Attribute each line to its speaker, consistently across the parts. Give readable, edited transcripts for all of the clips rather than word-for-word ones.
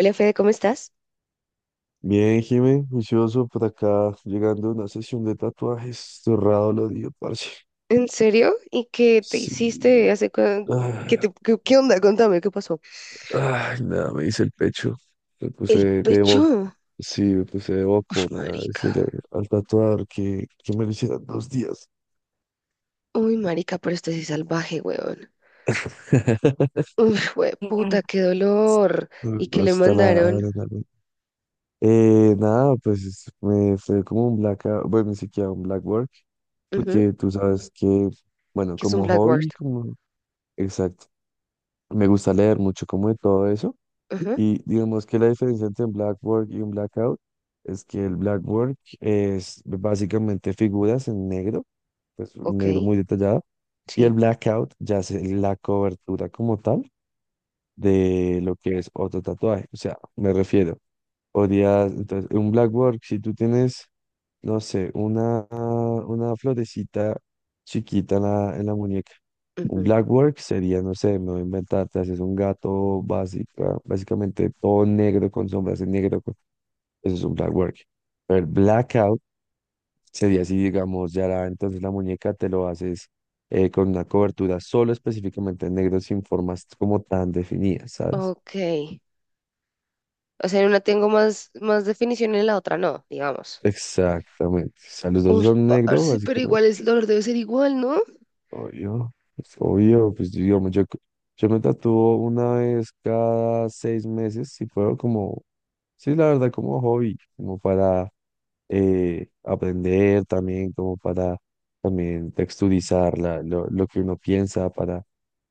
Speaker 1: Hola Fede, ¿cómo estás?
Speaker 2: Bien, Jimé, juicioso por acá, llegando a una sesión de tatuajes, cerrado lo dio, parce.
Speaker 1: ¿En serio? ¿Y qué te hiciste
Speaker 2: Sí.
Speaker 1: hace cuan- ¿Qué,
Speaker 2: Ay,
Speaker 1: te- qué- qué onda? Contame, ¿qué pasó?
Speaker 2: ay, nada, me hice el pecho, me
Speaker 1: El
Speaker 2: puse de boca,
Speaker 1: pecho.
Speaker 2: sí, me puse de boca,
Speaker 1: Uy,
Speaker 2: nada,
Speaker 1: marica.
Speaker 2: decirle al tatuador que me lo hicieran dos días.
Speaker 1: Uy, marica, pero esto sí es salvaje, weón. Uy,
Speaker 2: Mm.
Speaker 1: puta, qué dolor.
Speaker 2: No
Speaker 1: ¿Y qué
Speaker 2: no
Speaker 1: le
Speaker 2: está
Speaker 1: mandaron?
Speaker 2: nada, me fue como un black, bueno, ni siquiera un black work,
Speaker 1: Ujú.
Speaker 2: porque tú sabes que, bueno,
Speaker 1: Que es un
Speaker 2: como
Speaker 1: blackboard.
Speaker 2: hobby, como... Exacto. Me gusta leer mucho como de todo eso.
Speaker 1: Ujú.
Speaker 2: Y digamos que la diferencia entre un black work y un blackout es que el black work es básicamente figuras en negro, pues un
Speaker 1: Ok,
Speaker 2: negro muy detallado, y el
Speaker 1: sí.
Speaker 2: blackout ya es la cobertura como tal de lo que es otro tatuaje. O sea, me refiero, podrías, entonces, un black work, si tú tienes no sé, una florecita chiquita en la muñeca. Un
Speaker 1: ujú,
Speaker 2: blackwork sería, no sé, me voy a inventar, te haces un gato básicamente todo negro con sombras en negro, eso es un blackwork. Pero el blackout sería así, digamos, entonces la muñeca te lo haces con una cobertura solo específicamente en negro sin formas como tan definidas, ¿sabes?
Speaker 1: Ok. O sea, en una tengo más, más definición y en la otra no, digamos.
Speaker 2: Exactamente. O sea, los dos
Speaker 1: Uy,
Speaker 2: son negro,
Speaker 1: parce, pero
Speaker 2: básicamente.
Speaker 1: igual el dolor debe ser igual, ¿no?
Speaker 2: Obvio, pues digamos, yo me tatúo una vez cada 6 meses, si puedo, como, sí, la verdad, como hobby, como para aprender también, como para también texturizar lo que uno piensa, para,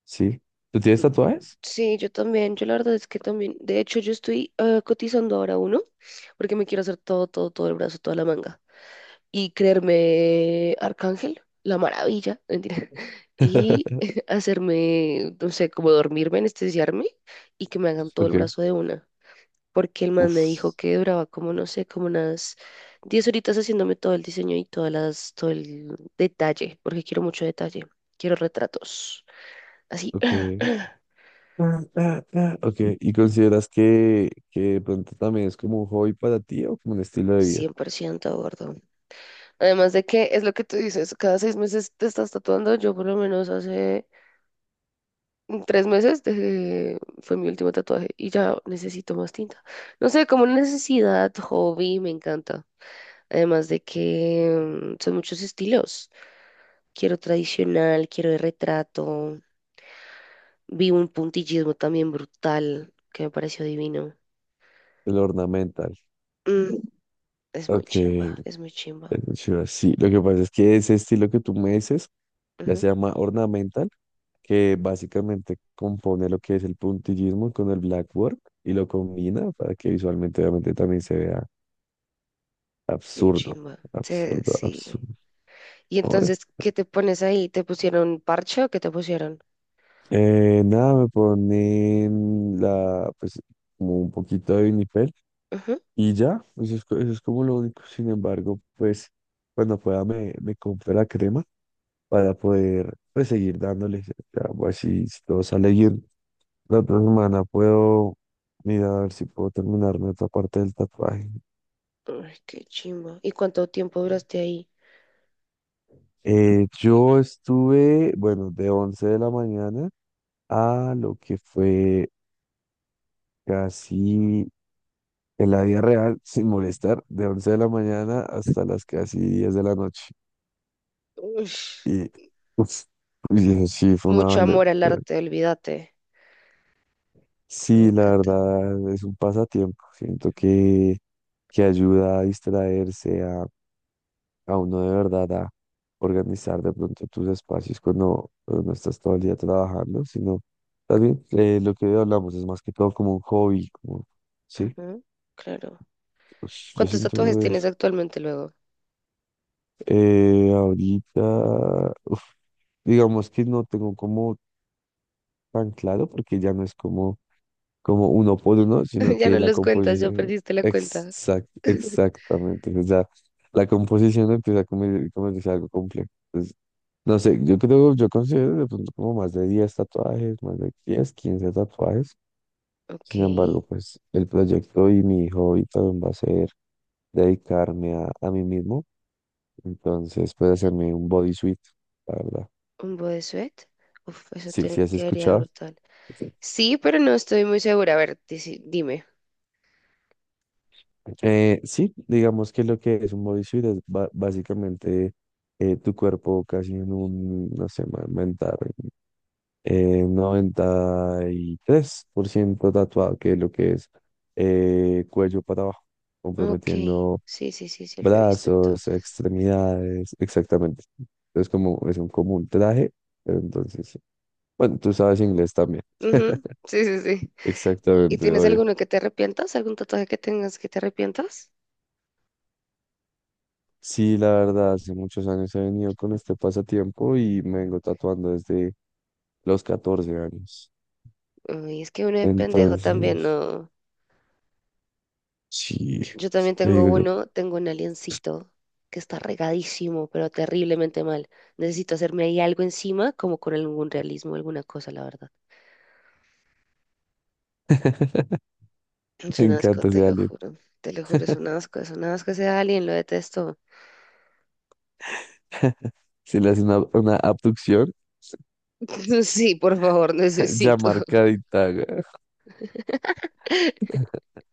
Speaker 2: ¿sí? ¿Tú tienes tatuajes?
Speaker 1: Sí, yo también, yo la verdad es que también, de hecho yo estoy cotizando ahora uno, porque me quiero hacer todo, todo, todo el brazo, toda la manga, y creerme Arcángel, la maravilla, mentira, y hacerme, no sé, como dormirme, anestesiarme, y que me hagan todo el
Speaker 2: Ok,
Speaker 1: brazo de una, porque el man me dijo
Speaker 2: uff,
Speaker 1: que duraba como, no sé, como unas 10 horitas haciéndome todo el diseño y todo el detalle, porque quiero mucho detalle, quiero retratos, así.
Speaker 2: ok. Ok, ¿y consideras que de pronto también es como un hobby para ti o como un estilo de vida?
Speaker 1: 100% gordo. Además de que es lo que tú dices, cada 6 meses te estás tatuando. Yo por lo menos hace 3 meses fue mi último tatuaje y ya necesito más tinta. No sé, como una necesidad, hobby, me encanta. Además de que son muchos estilos. Quiero tradicional, quiero de retrato. Vi un puntillismo también brutal que me pareció divino.
Speaker 2: El ornamental.
Speaker 1: Mm, es muy
Speaker 2: Ok,
Speaker 1: chimba,
Speaker 2: El
Speaker 1: es muy chimba.
Speaker 2: sí, lo que pasa es que ese estilo que tú me dices ya
Speaker 1: Ujú.
Speaker 2: se llama ornamental, que básicamente compone lo que es el puntillismo con el blackboard y lo combina para que visualmente obviamente también se vea
Speaker 1: Qué
Speaker 2: absurdo,
Speaker 1: chimba. Sí,
Speaker 2: absurdo,
Speaker 1: sí.
Speaker 2: absurdo.
Speaker 1: Y
Speaker 2: Ahora,
Speaker 1: entonces, ¿qué te pones ahí? ¿Te pusieron parche o qué te pusieron?
Speaker 2: nada, me ponen pues, como un poquito de vinipel
Speaker 1: Ujú.
Speaker 2: y ya, eso es, eso es como lo único. Sin embargo, pues, cuando pueda me compro la crema para poder pues seguir dándole. Ya pues, si todo sale bien, la otra semana puedo mirar a ver si puedo terminarme otra parte del tatuaje.
Speaker 1: Ay, qué chimba. ¿Y cuánto tiempo duraste ahí?
Speaker 2: Yo estuve, bueno, de 11 de la mañana a lo que fue casi en la vida real, sin molestar, de 11 de la mañana hasta las casi 10 de la noche.
Speaker 1: Ush.
Speaker 2: Y, uff, y eso sí, fue una
Speaker 1: Mucho
Speaker 2: banda.
Speaker 1: amor al arte, olvídate. Me
Speaker 2: Sí, la
Speaker 1: encanta.
Speaker 2: verdad es un pasatiempo. Siento que ayuda a distraerse, a uno de verdad a organizar de pronto tus espacios cuando no estás todo el día trabajando, sino también lo que hoy hablamos es más que todo como un hobby, como, sí,
Speaker 1: Ujú, claro.
Speaker 2: pues, yo
Speaker 1: ¿Cuántos tatuajes
Speaker 2: siento
Speaker 1: tienes
Speaker 2: eso.
Speaker 1: actualmente luego?
Speaker 2: Ahorita, uf, digamos que no tengo como tan claro porque ya no es como uno por uno, sino
Speaker 1: Ya
Speaker 2: que
Speaker 1: no
Speaker 2: la
Speaker 1: los cuentas, ya
Speaker 2: composición,
Speaker 1: perdiste la cuenta.
Speaker 2: exactamente, o sea, la composición empieza a convertirse en algo complejo. Entonces, no sé, yo creo, yo considero de pronto como más de 10 tatuajes, más de 10 15 tatuajes.
Speaker 1: Ok,
Speaker 2: Sin embargo, pues el proyecto y mi hobby también va a ser dedicarme a mí mismo. Entonces, puede hacerme un bodysuit, la verdad.
Speaker 1: un bodysuit. Uf, eso
Speaker 2: Sí, ¿sí has
Speaker 1: quedaría
Speaker 2: escuchado?
Speaker 1: brutal. Sí, pero no estoy muy segura. A ver, dime.
Speaker 2: Sí, digamos que lo que es un bodysuit es básicamente tu cuerpo casi en un, no sé, aumentar 93% tatuado, que es lo que es cuello para abajo,
Speaker 1: Ok,
Speaker 2: comprometiendo
Speaker 1: sí, sí, sí, sí, lo he visto
Speaker 2: brazos,
Speaker 1: entonces.
Speaker 2: extremidades, exactamente. Es como, es un, como un traje, pero entonces, sí. Bueno, tú sabes inglés también,
Speaker 1: Ujú. Sí, sí, sí. ¿Y
Speaker 2: exactamente,
Speaker 1: tienes
Speaker 2: oye.
Speaker 1: alguno que te arrepientas? ¿Algún tatuaje que tengas que te arrepientas?
Speaker 2: Sí, la verdad, hace muchos años he venido con este pasatiempo y me vengo tatuando desde los 14 años.
Speaker 1: Uy, es que uno de pendejo también,
Speaker 2: Entonces,
Speaker 1: no.
Speaker 2: sí,
Speaker 1: Yo también
Speaker 2: te
Speaker 1: tengo
Speaker 2: digo yo,
Speaker 1: uno, tengo un aliencito que está regadísimo, pero terriblemente mal. Necesito hacerme ahí algo encima, como con algún realismo, alguna cosa, la verdad. Es
Speaker 2: me
Speaker 1: un asco,
Speaker 2: encanta
Speaker 1: te
Speaker 2: ese
Speaker 1: lo
Speaker 2: alien.
Speaker 1: juro. Te lo juro, es un asco ese alien, lo detesto.
Speaker 2: Si le hacen una abducción,
Speaker 1: Sí, por favor,
Speaker 2: ya
Speaker 1: necesito.
Speaker 2: marcadita, güey.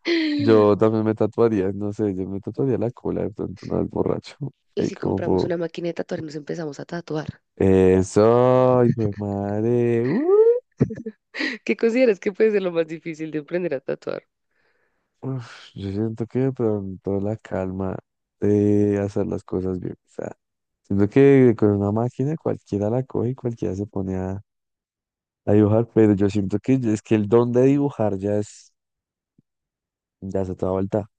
Speaker 1: ¿Y
Speaker 2: Yo también me tatuaría, no sé, yo me tatuaría la cola de pronto una vez borracho. Ahí
Speaker 1: si
Speaker 2: como
Speaker 1: compramos
Speaker 2: por...
Speaker 1: una máquina de tatuar y nos empezamos a tatuar?
Speaker 2: Eso, hijo de madre. ¡Uh!
Speaker 1: ¿Qué consideras que puede ser lo más difícil de aprender a tatuar?
Speaker 2: Uf, yo siento que de pronto la calma de hacer las cosas bien. O sea, siento que con una máquina cualquiera la coge y cualquiera se pone a dibujar, pero yo siento que es que el don de dibujar ya es otra vuelta.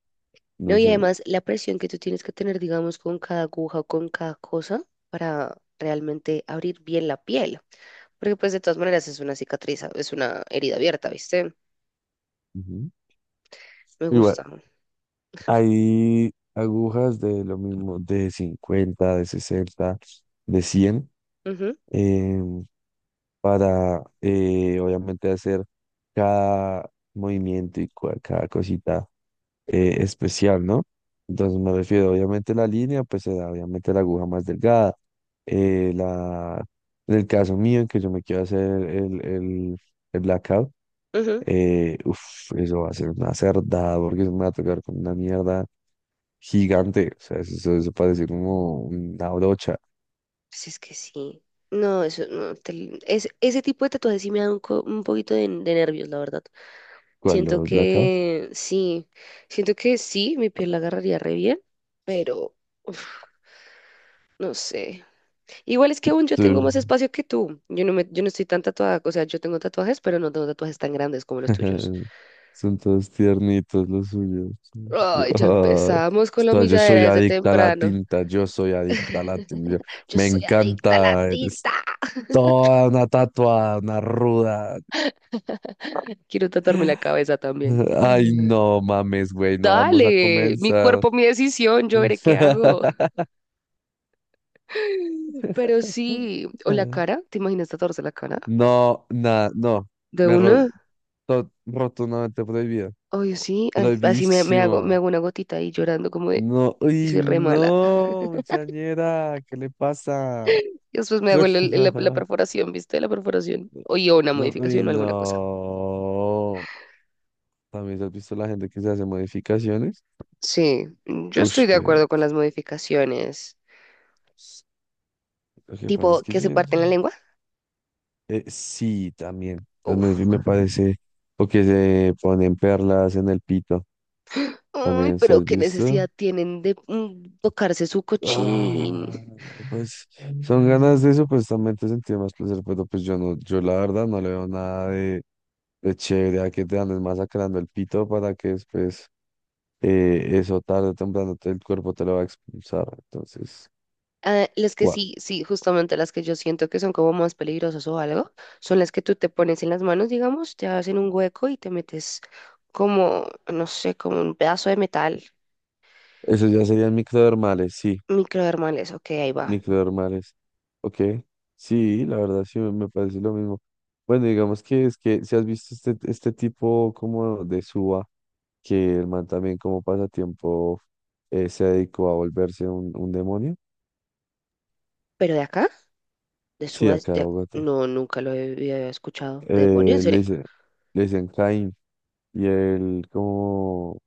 Speaker 1: No,
Speaker 2: No
Speaker 1: y
Speaker 2: sé.
Speaker 1: además la presión que tú tienes que tener, digamos, con cada aguja o con cada cosa para realmente abrir bien la piel. Porque pues de todas maneras es una cicatriz, es una herida abierta, ¿viste?
Speaker 2: Ujú.
Speaker 1: Me
Speaker 2: Igual,
Speaker 1: gusta.
Speaker 2: hay agujas de lo mismo, de 50, de 60, de 100,
Speaker 1: Ujú,
Speaker 2: em, para obviamente hacer cada movimiento y cada cosita especial, ¿no? Entonces me refiero, obviamente la línea, pues será obviamente la aguja más delgada. Eh, la, en el caso mío, en que yo me quiero hacer el blackout,
Speaker 1: ujú.
Speaker 2: uf, eso va a ser una cerdada, porque eso me va a tocar con una mierda gigante. O sea, eso parece como una brocha.
Speaker 1: Pues es que sí. No, eso no. Ese tipo de tatuajes sí me da un poquito de nervios, la verdad.
Speaker 2: ¿Cuál
Speaker 1: Siento
Speaker 2: los blackouts?
Speaker 1: que sí. Siento que sí, mi piel la agarraría re bien, pero uf, no sé. Igual es que aún yo tengo más espacio que tú. Yo no estoy tan tatuada. O sea, yo tengo tatuajes, pero no tengo tatuajes tan grandes como los tuyos.
Speaker 2: Son todos tiernitos los suyos. Yo,
Speaker 1: Ay, ya
Speaker 2: ay,
Speaker 1: empezamos con la
Speaker 2: yo
Speaker 1: humilladera
Speaker 2: soy
Speaker 1: desde
Speaker 2: adicta a la
Speaker 1: temprano.
Speaker 2: tinta, yo soy adicta a la tinta.
Speaker 1: Yo
Speaker 2: Me
Speaker 1: soy adicta a la
Speaker 2: encanta, eres
Speaker 1: tinta.
Speaker 2: toda una tatuada, una ruda.
Speaker 1: Quiero tatuarme la cabeza también.
Speaker 2: Ay, no mames, güey, no vamos a
Speaker 1: Dale, mi
Speaker 2: comenzar.
Speaker 1: cuerpo, mi decisión, yo veré qué hago. Pero sí, o la cara, ¿te imaginas tatuarse la cara?
Speaker 2: No, nada, no.
Speaker 1: ¿De
Speaker 2: Me ro-
Speaker 1: una?
Speaker 2: rotundamente prohibido.
Speaker 1: Oye, sí, así me, me hago, me
Speaker 2: Prohibísimo.
Speaker 1: hago una gotita ahí llorando como de,
Speaker 2: No,
Speaker 1: y
Speaker 2: uy,
Speaker 1: soy re mala.
Speaker 2: no, muchañera, ¿qué le pasa?
Speaker 1: Y después me hago la perforación, ¿viste? La perforación. Oye, o una
Speaker 2: No, uy,
Speaker 1: modificación o alguna cosa.
Speaker 2: no. También has visto la gente que se hace modificaciones.
Speaker 1: Sí, yo
Speaker 2: Ush,
Speaker 1: estoy de
Speaker 2: pero
Speaker 1: acuerdo con las modificaciones.
Speaker 2: lo que
Speaker 1: Tipo,
Speaker 2: pasa es que
Speaker 1: que
Speaker 2: yo
Speaker 1: se parten la lengua.
Speaker 2: sí, también. Las
Speaker 1: Uf.
Speaker 2: modificaciones me parece. O que se ponen perlas en el pito.
Speaker 1: Ay,
Speaker 2: También, ¿se
Speaker 1: pero
Speaker 2: has
Speaker 1: qué necesidad
Speaker 2: visto?
Speaker 1: tienen de tocarse su cochín.
Speaker 2: Ah, pues son ganas de supuestamente sentir más placer, pero pues yo no, yo la verdad no le veo nada de chévere a que te andes masacrando el pito para que después. Eso tarde o temprano el cuerpo te lo va a expulsar. Entonces,
Speaker 1: Ah, las que
Speaker 2: wow.
Speaker 1: sí, sí, justamente las que yo siento que son como más peligrosas o algo, son las que tú te pones en las manos, digamos, te hacen un hueco y te metes como, no sé, como un pedazo de metal,
Speaker 2: Esos ya serían microdermales, sí,
Speaker 1: microdermales, ok, ahí va.
Speaker 2: microdermales. Ok, sí, la verdad sí me parece lo mismo. Bueno, digamos que es que si has visto este tipo como de suba, que el man también como pasatiempo se dedicó a volverse un demonio.
Speaker 1: Pero de acá, de
Speaker 2: Sí, acá de
Speaker 1: sudeste,
Speaker 2: Bogotá.
Speaker 1: no, nunca lo había escuchado. ¿Demonio, en
Speaker 2: Eh, le
Speaker 1: serio?
Speaker 2: dice- le dicen Caín y él como...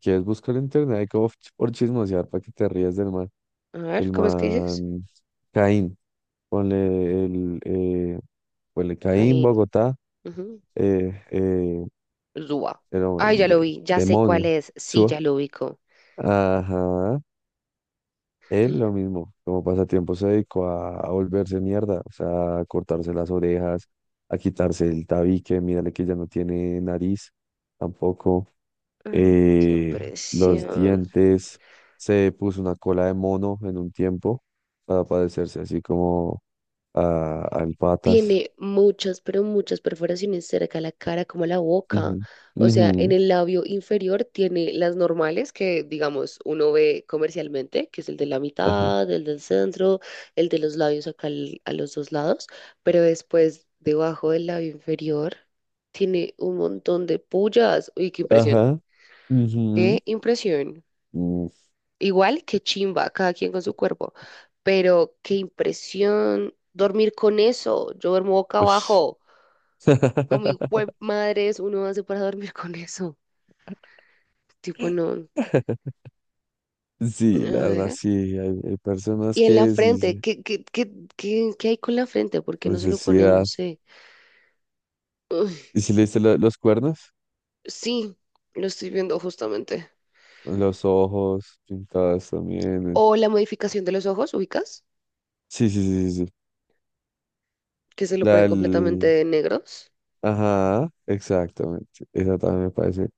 Speaker 2: ¿Quieres buscar en internet? Hay como por chismosear para que te rías del man.
Speaker 1: A ver,
Speaker 2: El
Speaker 1: ¿cómo es que dices?
Speaker 2: man Caín, ponle el, eh, ponle Caín,
Speaker 1: Caín.
Speaker 2: Bogotá,
Speaker 1: Ujú.
Speaker 2: eh, eh,
Speaker 1: Zua.
Speaker 2: pero
Speaker 1: Ay, ya lo vi, ya sé cuál
Speaker 2: demonio,
Speaker 1: es, sí,
Speaker 2: suba.
Speaker 1: ya lo ubico.
Speaker 2: Ajá, él lo mismo, como pasatiempo se dedicó a volverse mierda, o sea, a cortarse las orejas, a quitarse el tabique, mírale que ya no tiene nariz tampoco,
Speaker 1: Ay, qué
Speaker 2: eh, los
Speaker 1: impresión.
Speaker 2: dientes, se puso una cola de mono en un tiempo para padecerse así como al Patas.
Speaker 1: Tiene muchas, pero muchas perforaciones cerca a la cara, como a la boca.
Speaker 2: Ujú,
Speaker 1: O sea, en
Speaker 2: ujú,
Speaker 1: el labio inferior tiene las normales que, digamos, uno ve comercialmente, que es el de la
Speaker 2: Ajá.
Speaker 1: mitad, el del centro, el de los labios acá a los dos lados, pero después, debajo del labio inferior, tiene un montón de pullas. Uy, qué impresión.
Speaker 2: Ajá. Ujú,
Speaker 1: Qué impresión.
Speaker 2: mm,
Speaker 1: Igual que chimba, cada quien con su cuerpo, pero qué impresión dormir con eso. Yo duermo boca
Speaker 2: ush.
Speaker 1: abajo. Como hijo madres uno hace para dormir con eso. Tipo, no. A
Speaker 2: Sí, la verdad,
Speaker 1: ver.
Speaker 2: sí. Hay personas
Speaker 1: Y en la
Speaker 2: que sí,
Speaker 1: frente,
Speaker 2: sí,
Speaker 1: ¿qué hay con la frente? ¿Por qué no se lo ponen? No
Speaker 2: necesidad.
Speaker 1: sé. Uy,
Speaker 2: ¿Y si le diste los cuernos?
Speaker 1: sí, lo estoy viendo justamente.
Speaker 2: Los ojos pintados también.
Speaker 1: O la modificación de los ojos, ¿ubicas?
Speaker 2: Sí, sí, sí, sí, sí.
Speaker 1: Que se lo
Speaker 2: La
Speaker 1: ponen
Speaker 2: del...
Speaker 1: completamente negros.
Speaker 2: Ajá, exactamente. Esa también me parece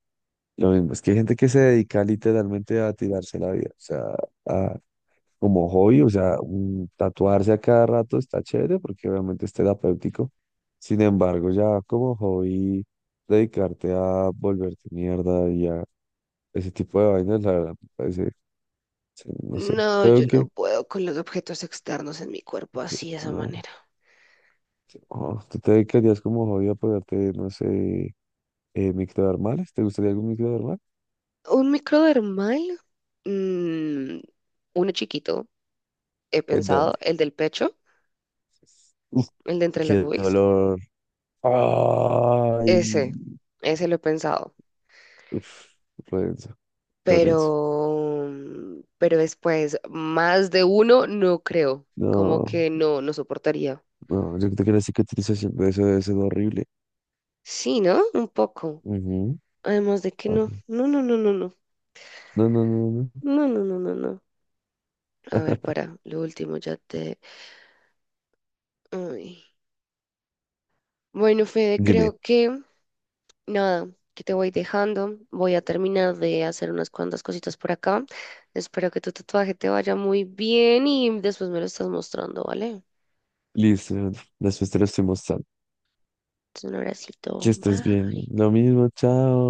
Speaker 2: lo mismo. Es que hay gente que se dedica literalmente a tirarse la vida. O sea, a como hobby, o sea, tatuarse a cada rato está chévere porque obviamente es terapéutico. Sin embargo, ya como hobby, dedicarte a volverte mierda y a ese tipo de vainas, la verdad, me parece, sí, no sé.
Speaker 1: No,
Speaker 2: Creo
Speaker 1: yo
Speaker 2: que,
Speaker 1: no puedo con los objetos externos en mi cuerpo así de esa
Speaker 2: no,
Speaker 1: manera.
Speaker 2: no, tú te dedicarías como hobby a ponerte, no sé, microdermales, ¿te gustaría algún microdermal?
Speaker 1: ¿Un microdermal? Mm, uno chiquito, he
Speaker 2: ¿En
Speaker 1: pensado,
Speaker 2: dónde?
Speaker 1: el del pecho,
Speaker 2: Uf,
Speaker 1: el de entre las
Speaker 2: qué
Speaker 1: boobies.
Speaker 2: dolor. Ay,
Speaker 1: Ese, ese lo he pensado,
Speaker 2: uf, lo denso, lo denso.
Speaker 1: pero después, más de uno, no creo, como
Speaker 2: No.
Speaker 1: que no, no soportaría.
Speaker 2: No, yo creo que la cicatrización de eso debe ser horrible.
Speaker 1: Sí, ¿no? Un poco.
Speaker 2: Ujú,
Speaker 1: Además de que no,
Speaker 2: papi.
Speaker 1: no, no, no, no, no,
Speaker 2: No, no, no, no.
Speaker 1: no, no, no, no, no. A ver, para, lo último ya te... Ay. Bueno, Fede,
Speaker 2: Dime.
Speaker 1: creo que nada, que te voy dejando, voy a terminar de hacer unas cuantas cositas por acá. Espero que tu tatuaje te vaya muy bien y después me lo estás mostrando, ¿vale?
Speaker 2: Listo, Leandro. Después te lo estoy mostrando.
Speaker 1: Un
Speaker 2: Que
Speaker 1: abracito.
Speaker 2: estés bien.
Speaker 1: Bye.
Speaker 2: Lo mismo, chao.